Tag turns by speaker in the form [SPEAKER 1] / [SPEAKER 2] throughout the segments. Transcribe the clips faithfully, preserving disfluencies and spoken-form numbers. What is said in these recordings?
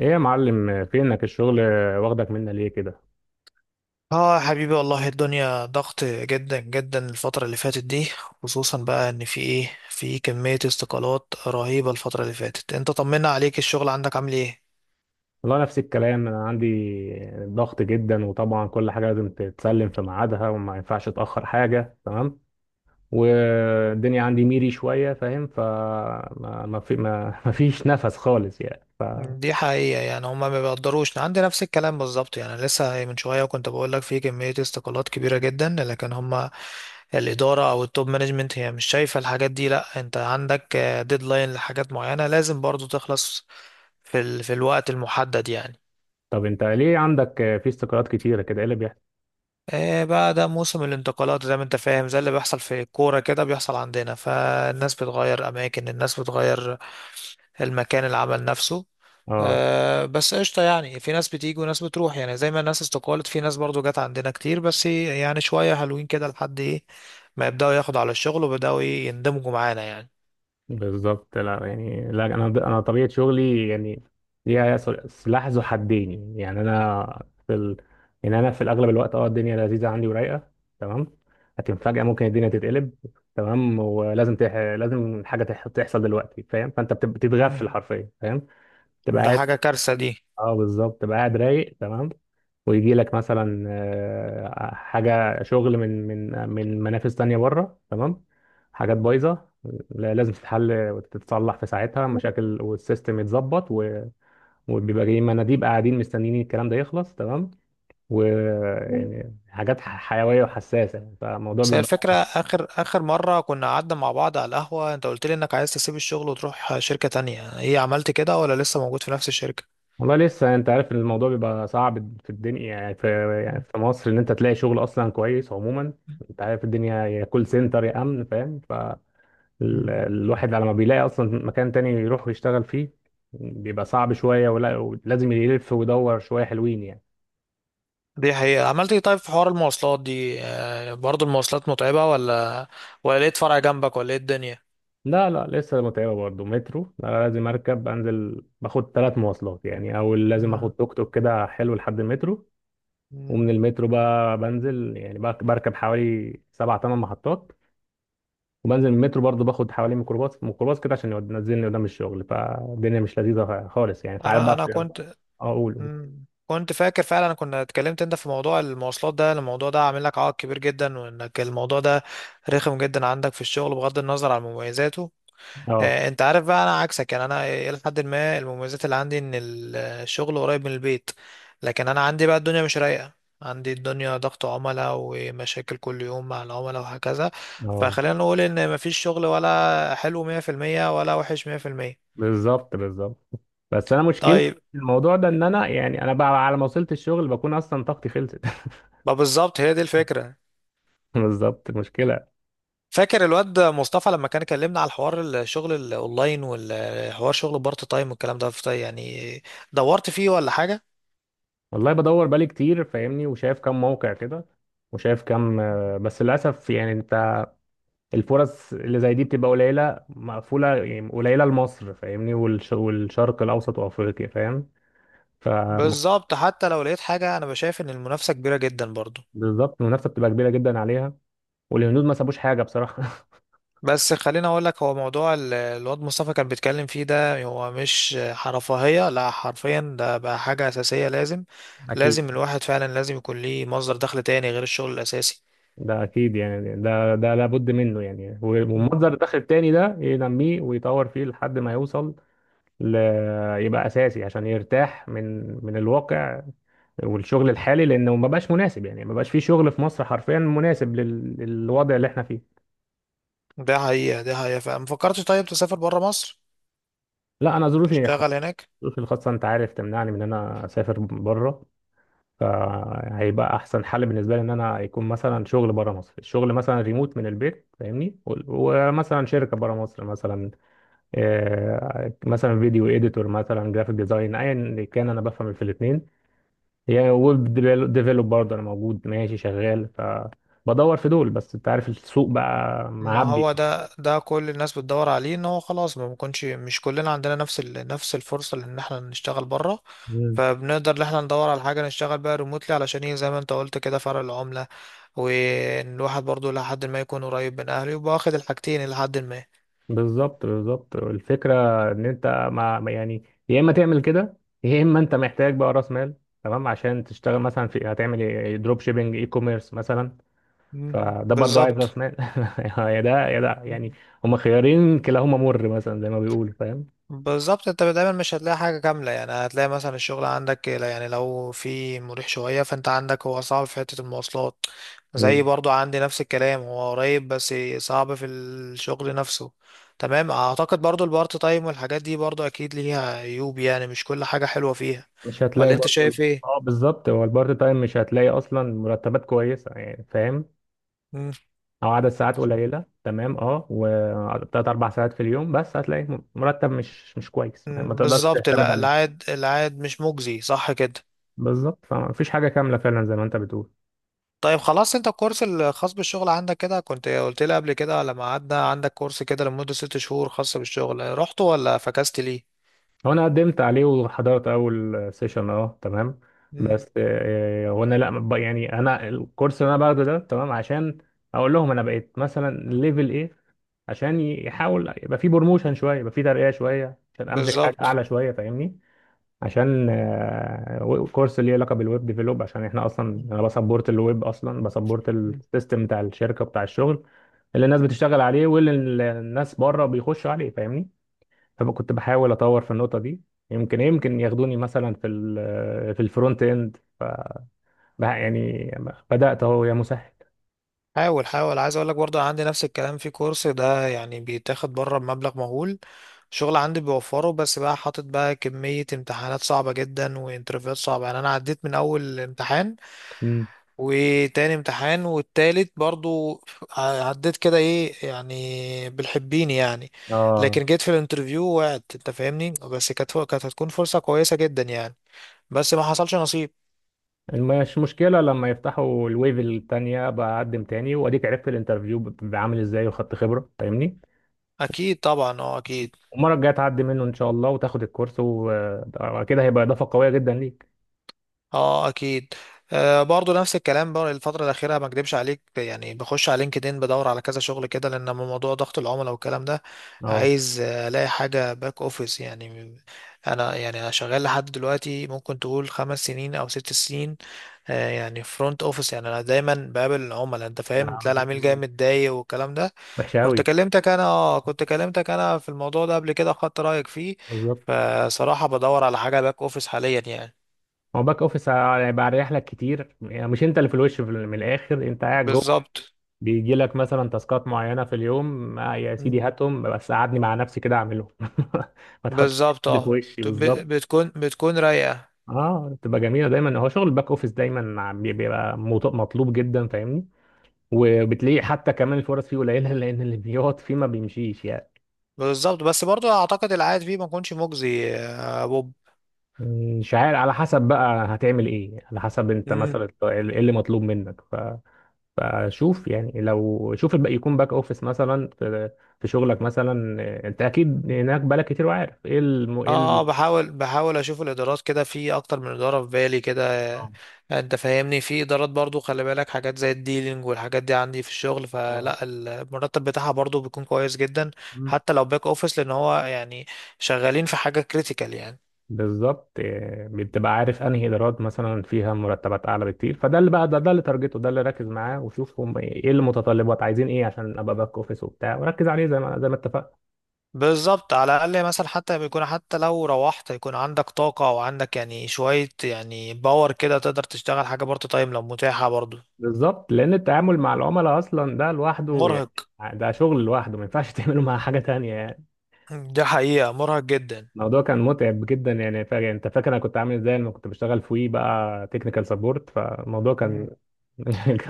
[SPEAKER 1] ايه يا معلم، فينك الشغل؟ واخدك منا ليه كده؟
[SPEAKER 2] اه يا حبيبي، والله الدنيا ضغط جدا جدا الفترة اللي فاتت دي. خصوصا بقى ان في ايه في كمية استقالات رهيبة الفترة اللي فاتت. انت طمنا عليك، الشغل عندك عامل ايه؟
[SPEAKER 1] والله نفس الكلام انا عندي. ضغط جدا، وطبعا كل حاجه لازم تتسلم في ميعادها وما ينفعش اتاخر حاجه، تمام. والدنيا عندي ميري شويه، فاهم؟ فما ما ما في ما ما فيش نفس خالص يعني ف...
[SPEAKER 2] دي حقيقة، يعني هما ما بيقدروش، عندي نفس الكلام بالظبط. يعني لسه من شوية كنت بقول لك في كمية استقالات كبيرة جدا، لكن هما الإدارة أو التوب مانجمنت هي مش شايفة الحاجات دي. لأ، أنت عندك ديدلاين لحاجات معينة لازم برضو تخلص في ال... في الوقت المحدد يعني.
[SPEAKER 1] طب انت ليه عندك في استقالات كتيره كده؟ ايه اللي بيحصل؟
[SPEAKER 2] إيه بقى، ده موسم الانتقالات زي ما انت فاهم، زي اللي بيحصل في الكورة كده بيحصل عندنا، فالناس بتغير أماكن، الناس بتغير المكان، العمل نفسه.
[SPEAKER 1] اه
[SPEAKER 2] آه بس قشطة، يعني في ناس بتيجي وناس بتروح، يعني زي ما الناس استقالت، في ناس برضو جت عندنا كتير، بس يعني شوية حلوين كده لحد ايه ما يبدأوا ياخدوا على الشغل وبدأوا ايه يندمجوا معانا يعني.
[SPEAKER 1] بالظبط. لا يعني لا، انا انا طبيعه شغلي يعني ليها سلاح ذو حدين. يعني انا في ال... يعني انا في الاغلب الوقت اه الدنيا لذيذه عندي ورايقه، تمام. لكن فجاه ممكن الدنيا تتقلب، تمام. ولازم تح... لازم حاجه تح... تحصل دلوقتي، فاهم؟ فانت بتب-
[SPEAKER 2] مم.
[SPEAKER 1] بتتغفل حرفيا، فاهم؟ تبقى
[SPEAKER 2] ده
[SPEAKER 1] قاعد.
[SPEAKER 2] حاجة كارثة دي.
[SPEAKER 1] اه بالظبط، تبقى قاعد رايق تمام. ويجي لك مثلا آه، حاجة شغل من من من منافس تانية بره، تمام. حاجات بايظة لا- لازم تتحل وتتصلح في ساعتها مشاكل والسيستم يتظبط و- وبيبقى جاي مناديب قاعدين مستنيين الكلام ده يخلص، تمام. و يعني حاجات ح- حيوية وحساسة، يعني فالموضوع
[SPEAKER 2] بس هي
[SPEAKER 1] بيبقى.
[SPEAKER 2] الفكرة، آخر آخر مرة كنا قعدنا مع بعض على القهوة أنت قلت لي إنك عايز تسيب الشغل وتروح شركة تانية، إيه عملت كده ولا لسه موجود في نفس الشركة؟
[SPEAKER 1] والله لسه، انت عارف الموضوع بيبقى صعب في الدنيا، يعني في يعني
[SPEAKER 2] مم.
[SPEAKER 1] في مصر ان انت تلاقي شغل اصلا كويس عموما. انت عارف الدنيا، يا كول سنتر يا امن، فاهم؟ ال-
[SPEAKER 2] مم.
[SPEAKER 1] الواحد على ما بيلاقي اصلا مكان تاني يروح يشتغل فيه بيبقى صعب شوية، ولا ولازم يلف ويدور شوية حلوين يعني.
[SPEAKER 2] دي حقيقة. عملت إيه؟ طيب في حوار المواصلات دي، آه، برضو المواصلات متعبة، ولا ولا لقيت فرع جنبك، ولا إيه الدنيا؟
[SPEAKER 1] لا لا لسه متعبة برضه. مترو، انا لازم اركب انزل، باخد ثلاث مواصلات يعني، او لازم
[SPEAKER 2] مم.
[SPEAKER 1] اخد توك توك كده حلو لحد المترو.
[SPEAKER 2] مم.
[SPEAKER 1] ومن المترو بقى بنزل يعني بق- بركب حوالي سبع ثمان محطات. وبنزل من المترو برضه باخد حوالي ميكروباص ميكروباص كده عشان يود- ينزلني قدام الشغل. فالدنيا مش لذيذة خالص يعني. تعال
[SPEAKER 2] أنا
[SPEAKER 1] بقى
[SPEAKER 2] أنا
[SPEAKER 1] في-
[SPEAKER 2] كنت.
[SPEAKER 1] اقول.
[SPEAKER 2] مم. كنت فاكر فعلا، كنا اتكلمت أنت في موضوع المواصلات ده، الموضوع ده عامل لك عائق كبير جدا، وإنك الموضوع ده رخم جدا عندك في الشغل بغض النظر عن مميزاته.
[SPEAKER 1] اه.
[SPEAKER 2] آه، انت عارف بقى انا عكسك، يعني انا الى حد ما المميزات اللي عندي ان ال- الشغل قريب من البيت. لكن انا عندي بقى الدنيا مش رايقه، عندي الدنيا ضغط عملاء ومشاكل كل يوم مع العملاء وهكذا.
[SPEAKER 1] اه
[SPEAKER 2] فخلينا نقول ان مفيش شغل ولا حلو مية في المية ولا وحش مية في المية.
[SPEAKER 1] بالظبط، بالظبط. بس انا مشكلتي
[SPEAKER 2] طيب،
[SPEAKER 1] في الموضوع ده ان انا يعني انا بقى على ما وصلت الشغل بكون اصلا طاقتي خلصت.
[SPEAKER 2] ما بالظبط هي دي الفكره.
[SPEAKER 1] بالظبط مشكله.
[SPEAKER 2] فاكر الواد مصطفى لما كان كلمنا على الحوار الشغل الاونلاين والحوار شغل بارت تايم والكلام ده يعني، دورت فيه ولا حاجه؟
[SPEAKER 1] والله بدور بالي كتير، فاهمني؟ وشايف كم موقع كده. وشايف كم آه، بس للاسف يعني انت الفرص اللي زي دي بتبقى قليله مقفوله، يعني قليله لمصر، فاهمني؟ والش- والشرق الاوسط وافريقيا، فاهم؟ ف
[SPEAKER 2] بالظبط، حتى لو لقيت حاجة أنا بشايف إن المنافسة كبيرة جدا برضو.
[SPEAKER 1] بالظبط. المنافسه بتبقى كبيره جدا عليها. والهنود ما سابوش حاجه بصراحه.
[SPEAKER 2] بس خليني أقول لك، هو موضوع ال- الواد مصطفى كان بيتكلم فيه ده هو مش رفاهية، لا، حرفيا ده بقى حاجة أساسية. لازم
[SPEAKER 1] اكيد.
[SPEAKER 2] لازم الواحد فعلا لازم يكون ليه مصدر دخل تاني غير الشغل الأساسي.
[SPEAKER 1] ده اكيد يعني، ده ده لابد منه يعني.
[SPEAKER 2] مم.
[SPEAKER 1] والمنظر الداخل التاني ده ينميه ويطور فيه لحد ما يوصل ل... يبقى اساسي عشان يرتاح من من الواقع والشغل الحالي، لانه ما بقاش مناسب، يعني ما بقاش فيه شغل في مصر حرفيا مناسب لل... للوضع اللي احنا فيه.
[SPEAKER 2] ده حقيقة ده حقيقة، فما فكرتش طيب تسافر برا مصر
[SPEAKER 1] لا انا ظروفي،
[SPEAKER 2] تشتغل هناك؟
[SPEAKER 1] ظروفي الخاصه، انت عارف، تمنعني من ان انا اسافر بره. فهيبقى احسن حل بالنسبه لي ان انا يكون مثلا شغل بره مصر، الشغل مثلا ريموت من البيت، فاهمني؟ و- ومثلا شركه بره مصر مثلا. آه، مثلا فيديو اديتور، مثلا جرافيك ديزاين، ايا اللي كان، انا بفهم في الاثنين. يعني ويب ديفلوب برضه انا موجود ماشي شغال. فبدور في دول، بس انت عارف السوق بقى
[SPEAKER 2] ما
[SPEAKER 1] معبي.
[SPEAKER 2] هو ده ده كل الناس بتدور عليه. ان هو خلاص ما بنكونش، مش كلنا عندنا نفس ال... نفس الفرصة ان احنا نشتغل بره،
[SPEAKER 1] مم.
[SPEAKER 2] فبنقدر ان احنا ندور على حاجة نشتغل بقى ريموتلي، علشان ايه؟ زي ما انت قلت كده، فرق العملة، وان الواحد برضو لحد ما يكون قريب من اهله يبقى واخد الحاجتين لحد ما.
[SPEAKER 1] بالظبط، بالظبط الفكره. ان انت ما ما- يعني يا اما تعمل كده، يا اما انت محتاج بقى راس مال، تمام، عشان تشتغل مثلا في هتعمل دروب شيبنج، اي كوميرس مثلا،
[SPEAKER 2] مم.
[SPEAKER 1] فده برضه عايز
[SPEAKER 2] بالظبط،
[SPEAKER 1] راس مال. يا ده يا ده يعني، هما خيارين كلاهما مر مثلا زي ما بيقولوا، فاهم؟
[SPEAKER 2] بالظبط، انت دايما مش هتلاقي حاجة كاملة، يعني هتلاقي مثلا الشغل عندك يعني لو في مريح شوية، فانت عندك هو صعب في حتة المواصلات، زي برضو عندي نفس الكلام، هو قريب بس صعب في الشغل نفسه. تمام. اعتقد برضو البارت تايم والحاجات دي برضو اكيد ليها عيوب، يعني مش كل حاجة حلوة فيها،
[SPEAKER 1] مش هتلاقي
[SPEAKER 2] ولا انت
[SPEAKER 1] برضه.
[SPEAKER 2] شايف
[SPEAKER 1] اه
[SPEAKER 2] ايه؟
[SPEAKER 1] بالظبط، هو البارت تايم مش هتلاقي اصلا مرتبات كويسه يعني، فاهم؟
[SPEAKER 2] مم،
[SPEAKER 1] او عدد ساعات قليله، تمام. اه، وثلاث اربع ساعات في اليوم، بس هتلاقي م- مرتب مش مش كويس، يعني ما
[SPEAKER 2] مم،
[SPEAKER 1] تقدرش
[SPEAKER 2] بالظبط.
[SPEAKER 1] تعتمد
[SPEAKER 2] لا،
[SPEAKER 1] عليه.
[SPEAKER 2] العائد العائد مش مجزي صح كده.
[SPEAKER 1] بالظبط، فمفيش حاجه كامله فعلا زي ما انت بتقول.
[SPEAKER 2] طيب خلاص، انت الكورس الخاص بالشغل عندك كده كنت قلت لي قبل كده لما قعدنا عندك، كورس كده لمدة ست شهور خاص بالشغل، رحت ولا فكست ليه؟
[SPEAKER 1] هو انا قدمت عليه وحضرت اول سيشن، اه، تمام.
[SPEAKER 2] مم.
[SPEAKER 1] بس آه، آه، هو انا لا ب- يعني انا الكورس اللي انا باخده ده، تمام، عشان اقول لهم انا بقيت مثلا ليفل ايه، عشان يحاول يبقى في بروموشن شويه، يبقى في ترقيه شويه، عشان امسك حاجه
[SPEAKER 2] بالظبط.
[SPEAKER 1] اعلى شويه، فاهمني؟ عشان آه، و- كورس اللي ليه علاقه بالويب ديفلوب، عشان احنا اصلا
[SPEAKER 2] مم.
[SPEAKER 1] انا بسبورت الويب، اصلا بسبورت
[SPEAKER 2] مم.
[SPEAKER 1] السيستم بتاع الشركه بتاع الشغل اللي الناس بتشتغل عليه، واللي ال- الناس بره بيخشوا عليه، فاهمني؟ فكنت بحاول اطور في النقطه دي. يمكن يمكن ياخدوني مثلا في ال- في الفرونت اند. ف بح- يعني بدات، اهو يا مسهل.
[SPEAKER 2] حاول حاول، عايز اقول لك برضه عندي نفس الكلام في كورس ده، يعني بيتاخد بره بمبلغ مهول. الشغل عندي بيوفره، بس بقى حاطط بقى كمية امتحانات صعبة جدا وانترفيوهات صعبة، يعني انا عديت من اول امتحان
[SPEAKER 1] مم.
[SPEAKER 2] وتاني امتحان والتالت برضو، عديت كده، ايه يعني، بالحبين يعني.
[SPEAKER 1] اه،
[SPEAKER 2] لكن جيت في الانترفيو وقعت، انت فاهمني، بس كانت كانت هتكون فرصة كويسة جدا يعني، بس ما حصلش نصيب.
[SPEAKER 1] مش مشكلة. لما يفتحوا الويف التانية بقدم تاني، واديك عرفت الانترفيو بيبقى عامل ازاي، وخدت خبرة، فاهمني؟
[SPEAKER 2] اكيد طبعا، اه، اكيد،
[SPEAKER 1] المرة الجاية تعدي منه ان شاء الله، وتاخد الكورس، وكده هيبقى اضافة قوية جدا ليك.
[SPEAKER 2] اه، اكيد. آه برضو نفس الكلام بقى الفتره الاخيره، ما اكدبش عليك، يعني بخش على لينكدين بدور على كذا شغل كده لان أما موضوع ضغط العملاء والكلام ده،
[SPEAKER 1] اه
[SPEAKER 2] عايز آه، الاقي حاجه باك اوفيس يعني. انا، يعني انا شغال لحد دلوقتي، ممكن تقول خمس سنين او ست سنين، آه، يعني فرونت اوفيس، يعني انا دايما بقابل العملاء، انت فاهم تلاقي العميل جاي متضايق والكلام ده.
[SPEAKER 1] وحشة
[SPEAKER 2] كنت
[SPEAKER 1] أوي.
[SPEAKER 2] كلمتك انا اه كنت كلمتك انا في الموضوع ده قبل كده، خدت رايك فيه.
[SPEAKER 1] بالظبط،
[SPEAKER 2] فصراحه بدور على حاجه باك اوفيس حاليا يعني.
[SPEAKER 1] هو باك اوفيس هيبقى اريح لك كتير يعني. مش انت اللي في الوش، في ال- من الاخر انت قاعد جوه.
[SPEAKER 2] بالظبط.
[SPEAKER 1] بيجي لك مثلا تاسكات معينه في اليوم، آه يا
[SPEAKER 2] مم.
[SPEAKER 1] سيدي هاتهم، بس قعدني مع نفسي كده اعملهم. ما تحطش
[SPEAKER 2] بالظبط،
[SPEAKER 1] حد في
[SPEAKER 2] اه،
[SPEAKER 1] وشي،
[SPEAKER 2] طب ب-
[SPEAKER 1] بالظبط.
[SPEAKER 2] بتكون بتكون رايقة.
[SPEAKER 1] اه، بتبقى جميله دايما. هو شغل الباك اوفيس دايما عم- بيبقى مط- مطلوب جدا، فاهمني؟ وبتلاقي حتى كمان الفرص فيه قليله، لان اللي بيقعد فيه ما بيمشيش يعني.
[SPEAKER 2] بالظبط، بس برضو اعتقد العائد فيه ما يكونش مجزي يا بوب.
[SPEAKER 1] مش عارف، على حسب بقى هتعمل ايه، على حسب انت
[SPEAKER 2] امم
[SPEAKER 1] مثلا مم. ايه اللي مطلوب منك ف... فشوف يعني، لو شوف الباقي يكون باك اوفيس مثلا في... في شغلك مثلا. انت
[SPEAKER 2] مم.
[SPEAKER 1] اكيد هناك بالك كتير وعارف ايه الم... ايه
[SPEAKER 2] اه، آه،
[SPEAKER 1] ال...
[SPEAKER 2] بحاول بحاول اشوف الادارات كده، في اكتر من اداره في بالي كده. آه،
[SPEAKER 1] اه
[SPEAKER 2] انت فاهمني، في ادارات برضو خلي بالك، حاجات زي الديلينج والحاجات دي عندي في الشغل،
[SPEAKER 1] آه.
[SPEAKER 2] فلا المرتب بتاعها برضو بيكون كويس جدا حتى لو باك اوفيس، لان هو يعني شغالين في حاجه كريتيكال يعني.
[SPEAKER 1] بالظبط. إيه، بتبقى عارف انهي ادارات مثلا فيها مرتبات اعلى بكتير. فده اللي بقى ده, ده اللي تارجته، ده اللي ركز معاه، وشوف هم ايه إيه المتطلبات عايزين ايه عشان ابقى باك اوفيس وبتاع، وركز عليه زي ما زي ما اتفقنا.
[SPEAKER 2] بالظبط، على الأقل مثلا حتى بيكون حتى لو روحت يكون عندك طاقة أو عندك يعني شوية يعني باور كده تقدر تشتغل حاجة بارت تايم لو متاحة برضو.
[SPEAKER 1] بالظبط، لان التعامل مع العملاء اصلا ده لوحده يعني.
[SPEAKER 2] مرهق.
[SPEAKER 1] آه، ده شغل لوحده ما ينفعش تعمله مع حاجه تانية يعني.
[SPEAKER 2] دي حقيقة مرهق جدا.
[SPEAKER 1] الموضوع كان متعب جدا يعني. فا- يعني انت فاكر انا كنت عامل ازاي لما كنت بشتغل في وي بقى تكنيكال سبورت، فالموضوع كان
[SPEAKER 2] مم.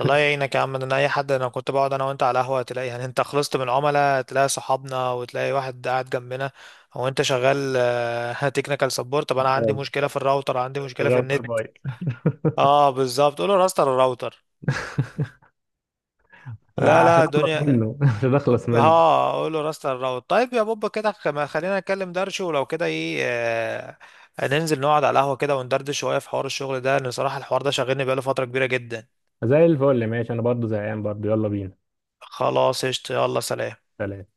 [SPEAKER 2] الله يعينك يا عم، ده انا اي حد، انا كنت بقعد انا وانت على قهوه، تلاقي يعني انت خلصت من عملاء تلاقي صحابنا وتلاقي واحد قاعد جنبنا، هو انت شغال تكنيكال سبورت، طب انا عندي مشكله في الراوتر، عندي مشكله في
[SPEAKER 1] غلط
[SPEAKER 2] النت.
[SPEAKER 1] بايظ.
[SPEAKER 2] اه بالظبط، قول له راستر الراوتر. لا لا
[SPEAKER 1] عشان اخلص
[SPEAKER 2] الدنيا.
[SPEAKER 1] منه. عشان اخلص منه.
[SPEAKER 2] ها اقول له راست الراوت. طيب يا بوبا كده، خم- خلينا نكلم درشو ولو كده ايه، آه، ننزل نقعد على القهوة كده وندردش شوية في حوار الشغل ده، لان صراحة الحوار ده شاغلني بقاله فترة كبيرة جدا.
[SPEAKER 1] زي الفل ماشي، انا برضو زهقان برضو، يلا بينا.
[SPEAKER 2] خلاص قشطة، يلا سلام.
[SPEAKER 1] سلام.